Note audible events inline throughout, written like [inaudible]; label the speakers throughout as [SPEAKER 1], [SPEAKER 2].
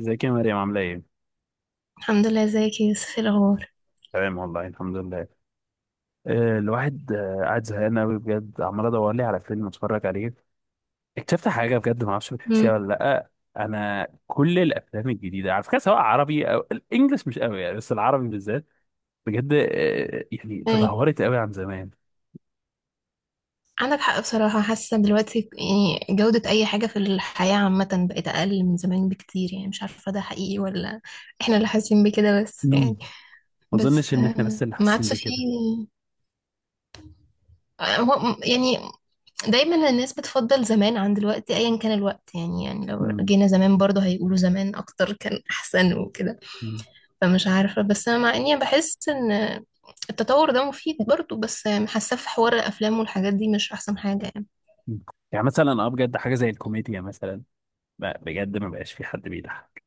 [SPEAKER 1] ازيك يا مريم عاملة ايه؟
[SPEAKER 2] الحمد لله. ازيك يا يوسف؟ ايه الاخبار؟
[SPEAKER 1] تمام والله الحمد لله. الواحد قاعد زهقان قوي بجد، عمال ادور لي على فيلم اتفرج عليه. اكتشفت حاجة بجد، ما اعرفش بتحسيها
[SPEAKER 2] امم.
[SPEAKER 1] ولا لأ. انا كل الافلام الجديدة على فكرة سواء عربي او الانجليش مش قوي يعني، بس العربي بالذات بجد يعني
[SPEAKER 2] ايه.
[SPEAKER 1] تدهورت قوي عن زمان.
[SPEAKER 2] عندك حق بصراحة، حاسة دلوقتي يعني جودة أي حاجة في الحياة عامة بقت أقل من زمان بكتير، يعني مش عارفة ده حقيقي ولا احنا اللي حاسين بكده، بس
[SPEAKER 1] مم.
[SPEAKER 2] يعني.
[SPEAKER 1] ما
[SPEAKER 2] بس
[SPEAKER 1] اظنش ان احنا بس اللي
[SPEAKER 2] ما
[SPEAKER 1] حاسين
[SPEAKER 2] عادش
[SPEAKER 1] بكده.
[SPEAKER 2] فيه. هو يعني دايما الناس بتفضل زمان عن دلوقتي أيا كان الوقت، يعني لو
[SPEAKER 1] مم.
[SPEAKER 2] جينا زمان برضه هيقولوا زمان أكتر كان أحسن وكده.
[SPEAKER 1] مم.
[SPEAKER 2] فمش عارفة، بس أنا مع اني بحس ان التطور ده مفيد برضو، بس حاسة في حوار الافلام والحاجات دي مش احسن حاجة يعني.
[SPEAKER 1] مم. يعني مثلا اه بجد حاجة زي الكوميديا مثلا، بجد ما بقاش في حد بيضحك.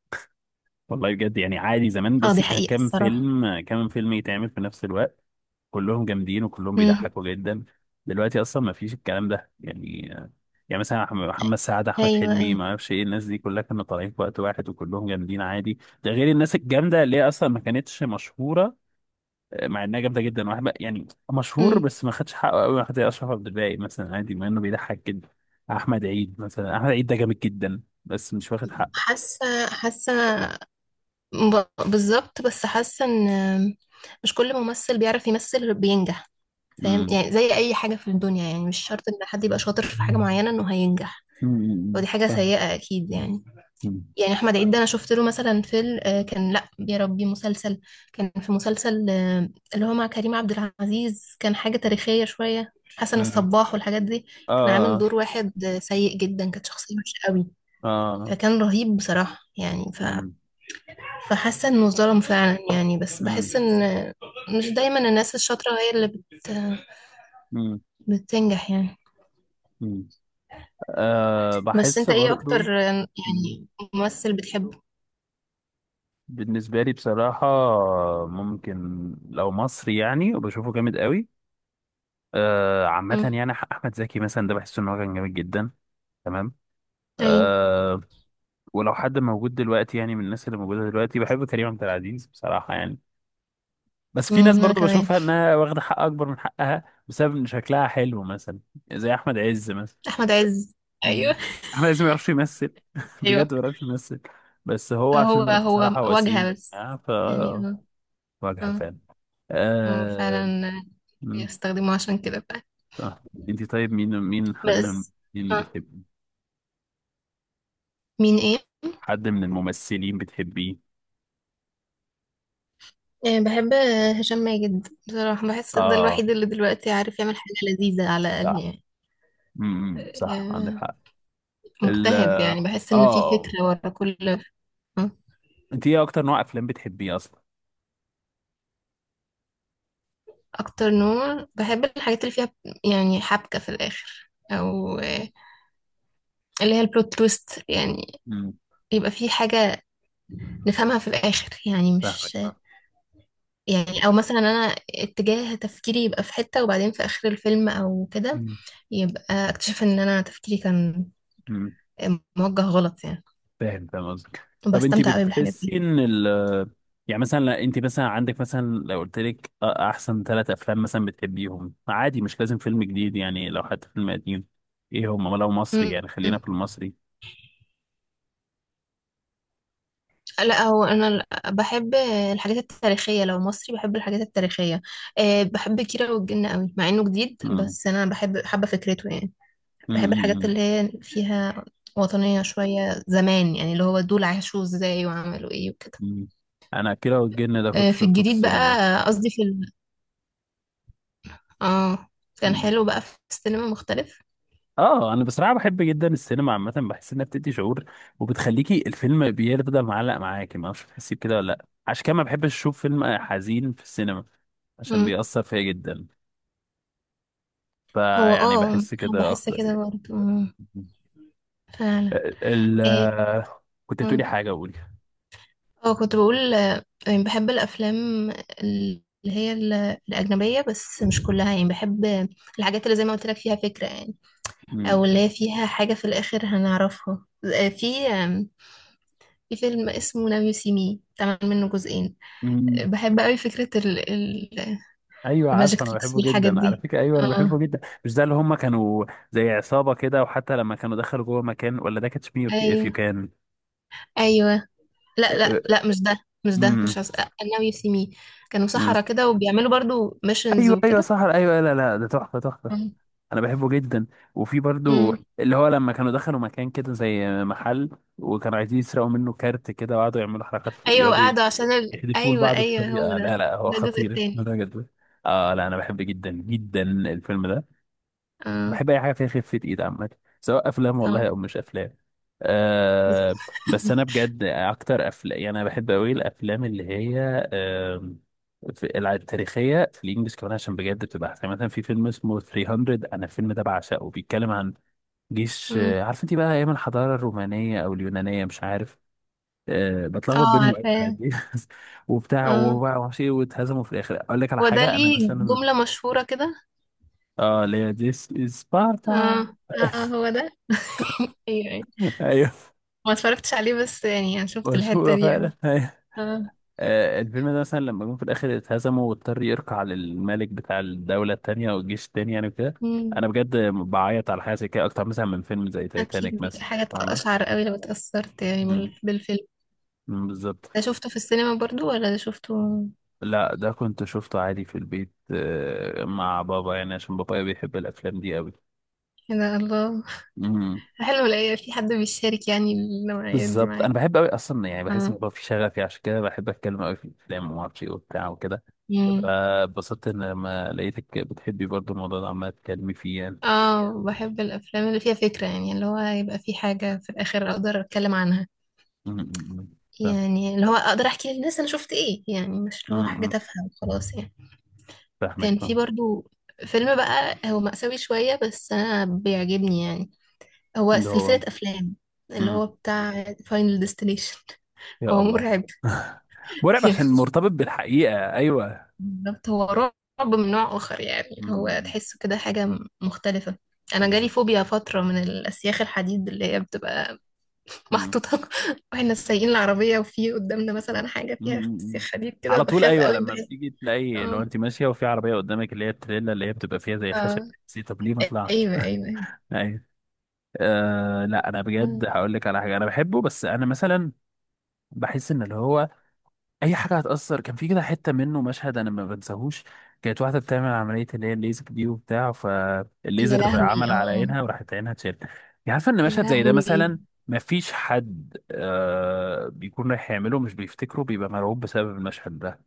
[SPEAKER 1] والله بجد يعني، عادي زمان
[SPEAKER 2] اه، دي
[SPEAKER 1] بصي كان
[SPEAKER 2] حقيقة
[SPEAKER 1] كام
[SPEAKER 2] الصراحة.
[SPEAKER 1] فيلم كام فيلم يتعمل في نفس الوقت، كلهم جامدين وكلهم
[SPEAKER 2] امم.
[SPEAKER 1] بيضحكوا جدا. دلوقتي اصلا ما فيش الكلام ده يعني. يعني مثلا محمد سعد، احمد
[SPEAKER 2] ايوه
[SPEAKER 1] حلمي،
[SPEAKER 2] ايوه.
[SPEAKER 1] ما اعرفش ايه، الناس دي كلها كانوا طالعين في وقت واحد وكلهم جامدين عادي. ده غير الناس الجامده اللي هي اصلا ما كانتش مشهوره. مع انها جامده جدا، واحد يعني مشهور
[SPEAKER 2] امم.
[SPEAKER 1] بس ما خدش حقه قوي، واحد زي اشرف عبد الباقي مثلا عادي، مع انه بيضحك جدا. احمد عيد مثلا، احمد عيد ده جامد جدا بس مش واخد حقه.
[SPEAKER 2] حاسة بالظبط، بس حاسة ان مش كل ممثل بيعرف يمثل بينجح. فاهم
[SPEAKER 1] امم.
[SPEAKER 2] يعني زي اي حاجة في الدنيا، يعني مش شرط ان حد يبقى شاطر في حاجة معينة انه هينجح.
[SPEAKER 1] أمم، أمم،
[SPEAKER 2] ودي حاجة
[SPEAKER 1] فاهم.
[SPEAKER 2] سيئة اكيد يعني. يعني احمد عيد ده، انا شفت له مثلا فيلم، كان لا يا ربي مسلسل. كان في مسلسل اللي هو مع كريم عبد العزيز، كان حاجة تاريخية شوية، حسن
[SPEAKER 1] مم.
[SPEAKER 2] الصباح والحاجات دي. كان عامل
[SPEAKER 1] اه
[SPEAKER 2] دور واحد سيء جدا، كانت شخصية وحشة قوي،
[SPEAKER 1] اه.
[SPEAKER 2] فكان رهيب بصراحة يعني
[SPEAKER 1] مم.
[SPEAKER 2] فحاسة انه ظلم فعلا يعني، بس
[SPEAKER 1] مم.
[SPEAKER 2] بحس ان مش دايما الناس الشاطرة هي اللي
[SPEAKER 1] مم.
[SPEAKER 2] بتنجح يعني.
[SPEAKER 1] مم. آه
[SPEAKER 2] بس
[SPEAKER 1] بحس
[SPEAKER 2] انت ايه
[SPEAKER 1] برضو.
[SPEAKER 2] اكتر
[SPEAKER 1] مم.
[SPEAKER 2] يعني ممثل بتحبه؟
[SPEAKER 1] بالنسبة لي بصراحة ممكن، لو مصري يعني وبشوفه جامد قوي آه، عامة
[SPEAKER 2] مم.
[SPEAKER 1] يعني أحمد زكي مثلا، ده بحس إن هو كان جامد جدا. تمام
[SPEAKER 2] ايوه.
[SPEAKER 1] آه. ولو حد موجود دلوقتي يعني، من الناس اللي موجودة دلوقتي بحب كريم عبد العزيز بصراحة يعني. بس في ناس
[SPEAKER 2] انا
[SPEAKER 1] برضو
[SPEAKER 2] كمان.
[SPEAKER 1] بشوفها إنها واخدة حق أكبر من حقها بسبب إن شكلها حلو مثلا، زي أحمد عز مثلا.
[SPEAKER 2] احمد عز.
[SPEAKER 1] مم.
[SPEAKER 2] ايوه
[SPEAKER 1] احمد عز ما يعرفش يمثل. [laughs]
[SPEAKER 2] ايوه.
[SPEAKER 1] بجد ما يعرفش يمثل. بس هو
[SPEAKER 2] هو
[SPEAKER 1] عشان
[SPEAKER 2] هو
[SPEAKER 1] بصراحة
[SPEAKER 2] واجهة
[SPEAKER 1] وسيم
[SPEAKER 2] بس
[SPEAKER 1] آه ف
[SPEAKER 2] يعني. اه
[SPEAKER 1] واجهة
[SPEAKER 2] اه.
[SPEAKER 1] فعلا.
[SPEAKER 2] هو
[SPEAKER 1] آه...
[SPEAKER 2] فعلا
[SPEAKER 1] مم.
[SPEAKER 2] بيستخدموه عشان كده فعلا.
[SPEAKER 1] آه. انت طيب، مين حد من،
[SPEAKER 2] بس.
[SPEAKER 1] مين
[SPEAKER 2] اه.
[SPEAKER 1] بتحب،
[SPEAKER 2] مين ايه؟
[SPEAKER 1] حد من الممثلين بتحبيه؟
[SPEAKER 2] بحب هشام ماجد بصراحة، بحس ده
[SPEAKER 1] اه
[SPEAKER 2] الوحيد اللي دلوقتي عارف يعمل حاجة لذيذة على الأقل
[SPEAKER 1] صح.
[SPEAKER 2] يعني.
[SPEAKER 1] صح عندك
[SPEAKER 2] آه،
[SPEAKER 1] حق. ال
[SPEAKER 2] مجتهد يعني، بحس إن في
[SPEAKER 1] اه.
[SPEAKER 2] فكرة ورا كل آه.
[SPEAKER 1] انت ايه اكتر نوع افلام بتحبيه اصلا؟
[SPEAKER 2] أكتر نوع بحب الحاجات اللي فيها يعني حبكة في الآخر، أو اللي هي البلوت تويست يعني،
[SPEAKER 1] امم
[SPEAKER 2] يبقى في حاجة نفهمها في الآخر، يعني مش.
[SPEAKER 1] فاهمك.
[SPEAKER 2] يعني او مثلا انا اتجاه تفكيري يبقى في حتة، وبعدين في اخر الفيلم او كده
[SPEAKER 1] مم.
[SPEAKER 2] يبقى اكتشف ان انا تفكيري كان
[SPEAKER 1] مم.
[SPEAKER 2] موجه غلط يعني،
[SPEAKER 1] فاهم فاهم قصدك. طب انت
[SPEAKER 2] بستمتع قوي بالحاجات
[SPEAKER 1] بتحسي
[SPEAKER 2] دي.
[SPEAKER 1] ان ال، يعني مثلا لا، انت مثلا عندك مثلا، لو قلت لك احسن ثلاث افلام مثلا بتحبيهم عادي، مش لازم فيلم جديد يعني، لو حتى فيلم قديم ايه هم؟ لو مصري
[SPEAKER 2] م-
[SPEAKER 1] يعني، خلينا
[SPEAKER 2] م.
[SPEAKER 1] في المصري.
[SPEAKER 2] لا هو انا بحب الحاجات التاريخية. لو مصري بحب الحاجات التاريخية. بحب كيرة والجن قوي مع انه جديد،
[SPEAKER 1] مم.
[SPEAKER 2] بس انا بحب، حابة فكرته يعني.
[SPEAKER 1] مم.
[SPEAKER 2] بحب
[SPEAKER 1] مم.
[SPEAKER 2] الحاجات
[SPEAKER 1] مم.
[SPEAKER 2] اللي هي فيها وطنية شوية زمان، يعني اللي هو دول عاشوا ازاي وعملوا ايه وكده.
[SPEAKER 1] مم. انا كده، والجن ده كنت
[SPEAKER 2] في
[SPEAKER 1] شفته في
[SPEAKER 2] الجديد
[SPEAKER 1] السينما.
[SPEAKER 2] بقى، قصدي في. اه، كان
[SPEAKER 1] مم.
[SPEAKER 2] حلو بقى في السينما، مختلف.
[SPEAKER 1] اه انا بصراحه بحب جدا السينما عامه، بحس انها بتدي شعور، وبتخليكي الفيلم بيفضل معلق معاكي، ما اعرفش بتحسي بكده ولا لا، عشان كده ما بحبش اشوف فيلم حزين في السينما عشان
[SPEAKER 2] امم.
[SPEAKER 1] بيأثر فيا جدا.
[SPEAKER 2] هو
[SPEAKER 1] فيعني
[SPEAKER 2] اه،
[SPEAKER 1] بحس كده
[SPEAKER 2] بحس
[SPEAKER 1] اكتر.
[SPEAKER 2] كده برضه. فعلا.
[SPEAKER 1] ال
[SPEAKER 2] ايه.
[SPEAKER 1] كنت تقولي
[SPEAKER 2] اه.
[SPEAKER 1] حاجه، قولي.
[SPEAKER 2] كنت بقول يعني بحب الافلام اللي هي الاجنبيه، بس مش كلها يعني، بحب الحاجات اللي زي ما قلت لك فيها فكره يعني،
[SPEAKER 1] مم.
[SPEAKER 2] او اللي هي فيها حاجه في الاخر هنعرفها. في فيلم اسمه ناو يو سي مي، اتعمل منه جزئين.
[SPEAKER 1] مم.
[SPEAKER 2] بحب قوي فكره
[SPEAKER 1] ايوه عارف،
[SPEAKER 2] الماجيك
[SPEAKER 1] انا
[SPEAKER 2] تريكس
[SPEAKER 1] بحبه
[SPEAKER 2] والحاجات
[SPEAKER 1] جدا على
[SPEAKER 2] دي.
[SPEAKER 1] فكره، ايوه انا بحبه
[SPEAKER 2] اه.
[SPEAKER 1] جدا. مش ده اللي هم كانوا زي عصابه كده، وحتى لما كانوا دخلوا جوه مكان، ولا ده كاتش مي اف يو
[SPEAKER 2] ايوه
[SPEAKER 1] كان؟
[SPEAKER 2] ايوه. لا لا لا، مش ده، مش ده،
[SPEAKER 1] امم.
[SPEAKER 2] مش عس... now you see me، كانوا سحرة كده وبيعملوا برضو missions
[SPEAKER 1] ايوه ايوه
[SPEAKER 2] وكده.
[SPEAKER 1] صح ايوه، لا لا ده تحفه تحفه.
[SPEAKER 2] مم.
[SPEAKER 1] انا بحبه جدا. وفي برضو
[SPEAKER 2] امم.
[SPEAKER 1] اللي هو لما كانوا دخلوا مكان كده زي محل، وكانوا عايزين يسرقوا منه كارت كده، وقعدوا يعملوا حركات،
[SPEAKER 2] ايوه،
[SPEAKER 1] يقعدوا
[SPEAKER 2] وقعدوا عشان
[SPEAKER 1] يحدفوا
[SPEAKER 2] ايوه
[SPEAKER 1] لبعض
[SPEAKER 2] ايوه، هو
[SPEAKER 1] بطريقة، لا
[SPEAKER 2] ده.
[SPEAKER 1] لا هو
[SPEAKER 2] ده الجزء
[SPEAKER 1] خطير
[SPEAKER 2] التاني.
[SPEAKER 1] بجد. اه لا انا بحب جدا جدا الفيلم ده.
[SPEAKER 2] اه
[SPEAKER 1] بحب اي حاجة فيها خفة ايد عامة، سواء افلام والله
[SPEAKER 2] اه.
[SPEAKER 1] او مش افلام. آه. بس انا
[SPEAKER 2] [laughs]
[SPEAKER 1] بجد اكتر افلام يعني، انا بحب قوي الافلام اللي هي آه، في التاريخية في الانجليش كمان، عشان بجد بتبقى احسن. مثلا في فيلم اسمه 300، انا الفيلم ده بعشقه، بيتكلم عن جيش
[SPEAKER 2] امم.
[SPEAKER 1] عارف انت بقى ايام الحضارة الرومانية او اليونانية مش عارف، بتلخبط
[SPEAKER 2] اه،
[SPEAKER 1] بينهم أوي
[SPEAKER 2] عارفاه.
[SPEAKER 1] عادي. [laughs] وبتاع
[SPEAKER 2] اه
[SPEAKER 1] وبقى ومعرفش ايه، واتهزموا في الاخر. اقول لك على
[SPEAKER 2] هو ده،
[SPEAKER 1] حاجه انا
[SPEAKER 2] ليه
[SPEAKER 1] مثلا،
[SPEAKER 2] جملة مشهورة كده.
[SPEAKER 1] اه اللي هي ديس سبارتا.
[SPEAKER 2] اه اه، هو ده. ايوه ايوه.
[SPEAKER 1] [laughs] ايوه.
[SPEAKER 2] ما اتفرجتش عليه بس يعني انا شفت الحتة
[SPEAKER 1] مشهوره
[SPEAKER 2] دي
[SPEAKER 1] فعلا.
[SPEAKER 2] أوي.
[SPEAKER 1] [laughs] ايوه.
[SPEAKER 2] اه.
[SPEAKER 1] الفيلم ده مثلا لما جم في الاخر اتهزموا، واضطر يركع للملك بتاع الدوله التانيه والجيش التاني يعني وكده.
[SPEAKER 2] امم.
[SPEAKER 1] انا بجد بعيط على حاجه زي كده اكتر مثلا من فيلم زي تايتانيك
[SPEAKER 2] اكيد
[SPEAKER 1] مثلا.
[SPEAKER 2] حاجة
[SPEAKER 1] فاهمه.
[SPEAKER 2] تقشعر قوي لو اتأثرت يعني
[SPEAKER 1] مم.
[SPEAKER 2] بالفيلم.
[SPEAKER 1] مم، بالظبط.
[SPEAKER 2] ده شفته في السينما برضو ولا ده شفته؟
[SPEAKER 1] لا ده كنت شفته عادي في البيت مع بابا يعني، عشان بابايا بيحب الافلام دي قوي.
[SPEAKER 2] يا ده الله. [laughs]
[SPEAKER 1] امم.
[SPEAKER 2] حلو الاقي في حد بيشارك يعني النوعيات دي
[SPEAKER 1] بالظبط انا
[SPEAKER 2] معاك.
[SPEAKER 1] بحب قوي اصلا يعني، بحس
[SPEAKER 2] اه.
[SPEAKER 1] ان في شغفي، عشان كده بحب اتكلم قوي في الافلام، وما اعرفش ايه وبتاع وكده.
[SPEAKER 2] مم.
[SPEAKER 1] فاتبسطت ان لما لقيتك بتحبي برضو الموضوع ده، عمال تتكلمي فيه يعني.
[SPEAKER 2] اه، بحب الافلام اللي فيها فكرة، يعني اللي هو يبقى في حاجة في الاخر اقدر اتكلم عنها،
[SPEAKER 1] أمم، أمم، فاهم.
[SPEAKER 2] يعني اللي هو اقدر احكي للناس انا شفت ايه، يعني مش اللي
[SPEAKER 1] أمم،
[SPEAKER 2] هو حاجة
[SPEAKER 1] أمم،
[SPEAKER 2] تافهة وخلاص يعني.
[SPEAKER 1] فاهمك
[SPEAKER 2] كان في
[SPEAKER 1] فاهم.
[SPEAKER 2] برضو فيلم بقى، هو مأساوي شوية بس انا بيعجبني يعني، هو
[SPEAKER 1] اللي
[SPEAKER 2] سلسلة
[SPEAKER 1] هو
[SPEAKER 2] افلام، اللي هو
[SPEAKER 1] أمم،
[SPEAKER 2] بتاع فاينل ديستنيشن.
[SPEAKER 1] يا
[SPEAKER 2] هو
[SPEAKER 1] الله.
[SPEAKER 2] مرعب.
[SPEAKER 1] مرعب عشان
[SPEAKER 2] [laughs]
[SPEAKER 1] مرتبط بالحقيقه، ايوه.
[SPEAKER 2] بالظبط، هو رعب من نوع آخر يعني، اللي
[SPEAKER 1] أمم،
[SPEAKER 2] هو
[SPEAKER 1] أمم،
[SPEAKER 2] تحسه كده حاجة مختلفة. أنا جالي
[SPEAKER 1] بالظبط.
[SPEAKER 2] فوبيا فترة من الأسياخ الحديد اللي هي بتبقى
[SPEAKER 1] أمم،
[SPEAKER 2] محطوطة، [laughs] واحنا سايقين العربية وفي قدامنا مثلا حاجة
[SPEAKER 1] أمم،
[SPEAKER 2] فيها
[SPEAKER 1] أمم.
[SPEAKER 2] أسياخ حديد كده،
[SPEAKER 1] على طول
[SPEAKER 2] بخاف
[SPEAKER 1] ايوه،
[SPEAKER 2] قوي
[SPEAKER 1] لما
[SPEAKER 2] بحس.
[SPEAKER 1] بتيجي تلاقي، لو
[SPEAKER 2] اه
[SPEAKER 1] انت ماشيه وفي عربيه قدامك اللي هي التريلا، اللي هي بتبقى فيها زي خشب،
[SPEAKER 2] اه،
[SPEAKER 1] طب ليه ما طلعتش؟
[SPEAKER 2] أيوه أيوه أيوه.
[SPEAKER 1] [laughs] أه لا انا
[SPEAKER 2] آه.
[SPEAKER 1] بجد هقول لك على حاجه انا بحبه، بس انا مثلا بحس ان اللي هو اي حاجه هتاثر، كان في كده حته منه مشهد انا ما بنساهوش، كانت واحده بتعمل عمليه اللي هي الليزك دي وبتاع،
[SPEAKER 2] يا
[SPEAKER 1] فالليزر
[SPEAKER 2] لهوي
[SPEAKER 1] عمل على
[SPEAKER 2] اه.
[SPEAKER 1] عينها وراحت عينها اتشالت يعني. عارفه ان
[SPEAKER 2] يا
[SPEAKER 1] مشهد زي ده
[SPEAKER 2] لهوي.
[SPEAKER 1] مثلا، ما فيش حد أه بيكون رايح يعمله مش بيفتكره، بيبقى مرعوب بسبب المشهد ده.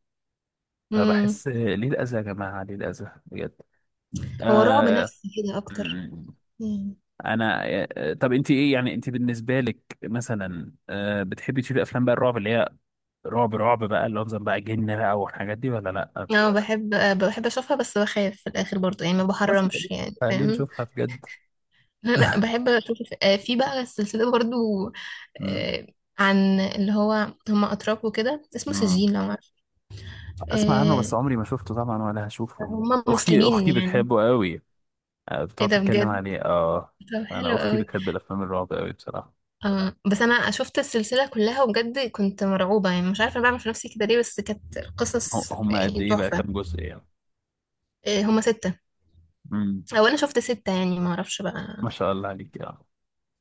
[SPEAKER 2] مم.
[SPEAKER 1] فبحس ليه الاذى يا جماعه، ليه الاذى بجد.
[SPEAKER 2] هو رعب
[SPEAKER 1] أه.
[SPEAKER 2] نفسي كده أكتر. مم.
[SPEAKER 1] انا طب انت ايه يعني، انت بالنسبه لك مثلا بتحبي تشوفي افلام بقى الرعب، اللي هي رعب رعب بقى، اللي هو مثلا بقى جن بقى والحاجات دي ولا لا؟
[SPEAKER 2] اه، بحب بحب أشوفها بس بخاف في الآخر برضه يعني، ما
[SPEAKER 1] بس
[SPEAKER 2] بحرمش يعني
[SPEAKER 1] خلينا
[SPEAKER 2] فاهم.
[SPEAKER 1] نشوفها بجد.
[SPEAKER 2] انا بحب اشوف. في بقى السلسله برضو،
[SPEAKER 1] مم.
[SPEAKER 2] آه، عن اللي هو هم اتراك وكده، اسمه
[SPEAKER 1] مم.
[SPEAKER 2] سجين لو عارف.
[SPEAKER 1] اسمع عنه،
[SPEAKER 2] آه،
[SPEAKER 1] بس عمري ما شفته طبعا ولا هشوفه.
[SPEAKER 2] هم
[SPEAKER 1] اختي
[SPEAKER 2] مسلمين
[SPEAKER 1] اختي
[SPEAKER 2] يعني.
[SPEAKER 1] بتحبه قوي.
[SPEAKER 2] ايه
[SPEAKER 1] بتقعد
[SPEAKER 2] ده
[SPEAKER 1] تتكلم
[SPEAKER 2] بجد؟
[SPEAKER 1] عليه اه.
[SPEAKER 2] طب
[SPEAKER 1] انا
[SPEAKER 2] حلو
[SPEAKER 1] اختي
[SPEAKER 2] قوي.
[SPEAKER 1] بتحب الافلام الرعب قوي بصراحه.
[SPEAKER 2] اه، بس انا شفت السلسله كلها وبجد كنت مرعوبه يعني، مش عارفه بعمل في نفسي كده ليه، بس كانت
[SPEAKER 1] هم.
[SPEAKER 2] قصص
[SPEAKER 1] هم قد
[SPEAKER 2] يعني
[SPEAKER 1] ايه بقى
[SPEAKER 2] تحفه.
[SPEAKER 1] كام جزء يعني؟
[SPEAKER 2] هم سته.
[SPEAKER 1] مم.
[SPEAKER 2] او انا شفت سته يعني، ما اعرفش بقى.
[SPEAKER 1] ما شاء الله عليك اه.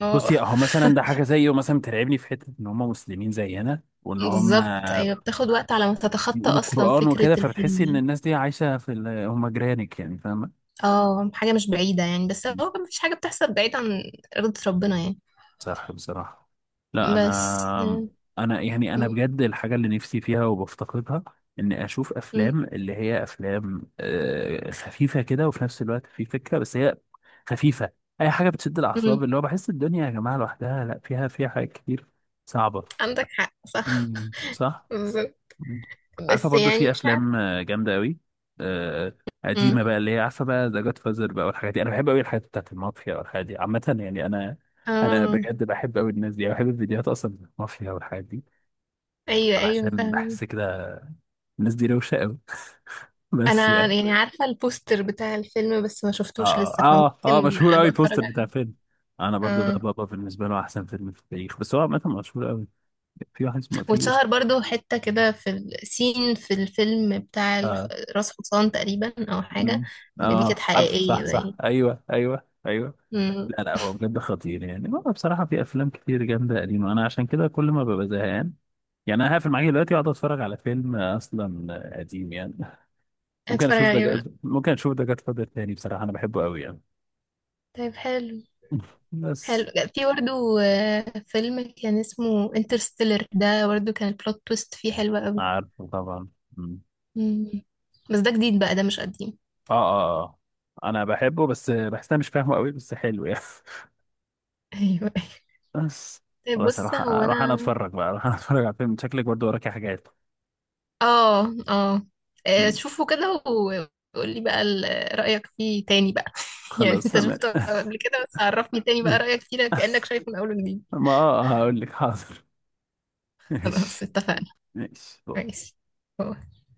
[SPEAKER 2] اه.
[SPEAKER 1] بصي اهو، مثلا ده
[SPEAKER 2] [laughs]
[SPEAKER 1] حاجه زيه مثلا بترعبني في حته، ان هم مسلمين زينا، وان هم
[SPEAKER 2] بالظبط ايوه، بتاخد وقت على ما تتخطى
[SPEAKER 1] بيقولوا
[SPEAKER 2] اصلا
[SPEAKER 1] قران
[SPEAKER 2] فكره
[SPEAKER 1] وكده، فبتحسي
[SPEAKER 2] الفيلم
[SPEAKER 1] ان
[SPEAKER 2] يعني.
[SPEAKER 1] الناس دي عايشه في ال... هم جيرانك يعني، فاهمه؟
[SPEAKER 2] اه، حاجة مش بعيدة يعني، بس هو مفيش حاجة بتحصل بعيد عن إرادة ربنا يعني.
[SPEAKER 1] صح بصراحه. لا
[SPEAKER 2] بس.
[SPEAKER 1] انا، يعني انا
[SPEAKER 2] م-
[SPEAKER 1] بجد الحاجه اللي نفسي فيها وبفتقدها، اني اشوف
[SPEAKER 2] م-
[SPEAKER 1] افلام اللي هي افلام خفيفه كده، وفي نفس الوقت في فكره، بس هي خفيفه، اي حاجه بتشد
[SPEAKER 2] م-
[SPEAKER 1] الاعصاب، اللي هو بحس الدنيا يا جماعه لوحدها، لا فيها حاجات كتير صعبه.
[SPEAKER 2] عندك حق صح.
[SPEAKER 1] مم،
[SPEAKER 2] [laughs]
[SPEAKER 1] صح.
[SPEAKER 2] بالظبط.
[SPEAKER 1] مم. عارفه
[SPEAKER 2] بس
[SPEAKER 1] برضو
[SPEAKER 2] يعني
[SPEAKER 1] في
[SPEAKER 2] مش عارفة.
[SPEAKER 1] افلام جامده قوي
[SPEAKER 2] م.
[SPEAKER 1] قديمه بقى، اللي هي عارفه بقى، ذا جاد فازر بقى والحاجات دي. انا بحب قوي الحاجات بتاعت المافيا والحاجات دي عامه يعني، انا
[SPEAKER 2] اه،
[SPEAKER 1] بجد بحب قوي الناس دي. أنا بحب الفيديوهات اصلا بتاعت المافيا والحاجات دي،
[SPEAKER 2] ايوه ايوه
[SPEAKER 1] عشان
[SPEAKER 2] فاهم.
[SPEAKER 1] بحس كده الناس دي روشه قوي. [laughs] بس
[SPEAKER 2] انا
[SPEAKER 1] يعني
[SPEAKER 2] يعني عارفة البوستر بتاع الفيلم بس ما شفتوش
[SPEAKER 1] اه
[SPEAKER 2] لسه،
[SPEAKER 1] اه اه
[SPEAKER 2] فممكن
[SPEAKER 1] مشهور قوي
[SPEAKER 2] ابقى اتفرج
[SPEAKER 1] البوستر بتاع
[SPEAKER 2] عليه.
[SPEAKER 1] فيلم، انا برضو ده
[SPEAKER 2] اه،
[SPEAKER 1] بابا بالنسبه له احسن فيلم في التاريخ، بس هو عامه مشهور قوي. في واحد اسمه في اسم
[SPEAKER 2] واتشهر برضو حتة كده في الفيلم بتاع
[SPEAKER 1] اه.
[SPEAKER 2] راس حصان تقريبا او حاجة.
[SPEAKER 1] مم.
[SPEAKER 2] دي كانت
[SPEAKER 1] اه عارف
[SPEAKER 2] حقيقية
[SPEAKER 1] صح صح
[SPEAKER 2] باين.
[SPEAKER 1] ايوه ايوه ايوه.
[SPEAKER 2] م.
[SPEAKER 1] لا لا هو بجد خطير يعني، هو بصراحة في أفلام كتير جامدة قديمة، أنا عشان كده كل ما ببقى زهقان يعني، أنا هقفل معاك دلوقتي وأقعد أتفرج على فيلم أصلا قديم يعني.
[SPEAKER 2] هتفرج عليه بقى.
[SPEAKER 1] ممكن أشوف ده جاد فاذر تاني، بصراحة أنا بحبه أوي يعني.
[SPEAKER 2] طيب حلو.
[SPEAKER 1] [laughs]
[SPEAKER 2] حلو.
[SPEAKER 1] بس
[SPEAKER 2] في برضه فيلم كان اسمه انترستيلر، ده برضه كان البلوت تويست فيه حلوة قوي.
[SPEAKER 1] عارفه طبعا. مم.
[SPEAKER 2] مم. بس ده جديد بقى، ده مش قديم.
[SPEAKER 1] آه آه آه. أنا بحبه بس بحس أنا مش فاهمه أوي، بس حلو يعني.
[SPEAKER 2] ايوه.
[SPEAKER 1] [laughs] بس خلاص،
[SPEAKER 2] بص، هو انا
[SPEAKER 1] أروح أنا أتفرج على فيلم، شكلك برضه وراكي حاجات.
[SPEAKER 2] اه اه
[SPEAKER 1] مم.
[SPEAKER 2] شوفه كده وقولي بقى رأيك فيه تاني بقى، [laughs] يعني
[SPEAKER 1] خلاص
[SPEAKER 2] انت
[SPEAKER 1] تمام.
[SPEAKER 2] شفته
[SPEAKER 1] [laughs]
[SPEAKER 2] قبل كده بس عرفني تاني بقى رأيك فيه، لأ كأنك شايفه من اول وجديد.
[SPEAKER 1] ما هقول لك حاضر. [laughs]
[SPEAKER 2] خلاص
[SPEAKER 1] ماشي.
[SPEAKER 2] اتفقنا.
[SPEAKER 1] ماشي.
[SPEAKER 2] ماشي.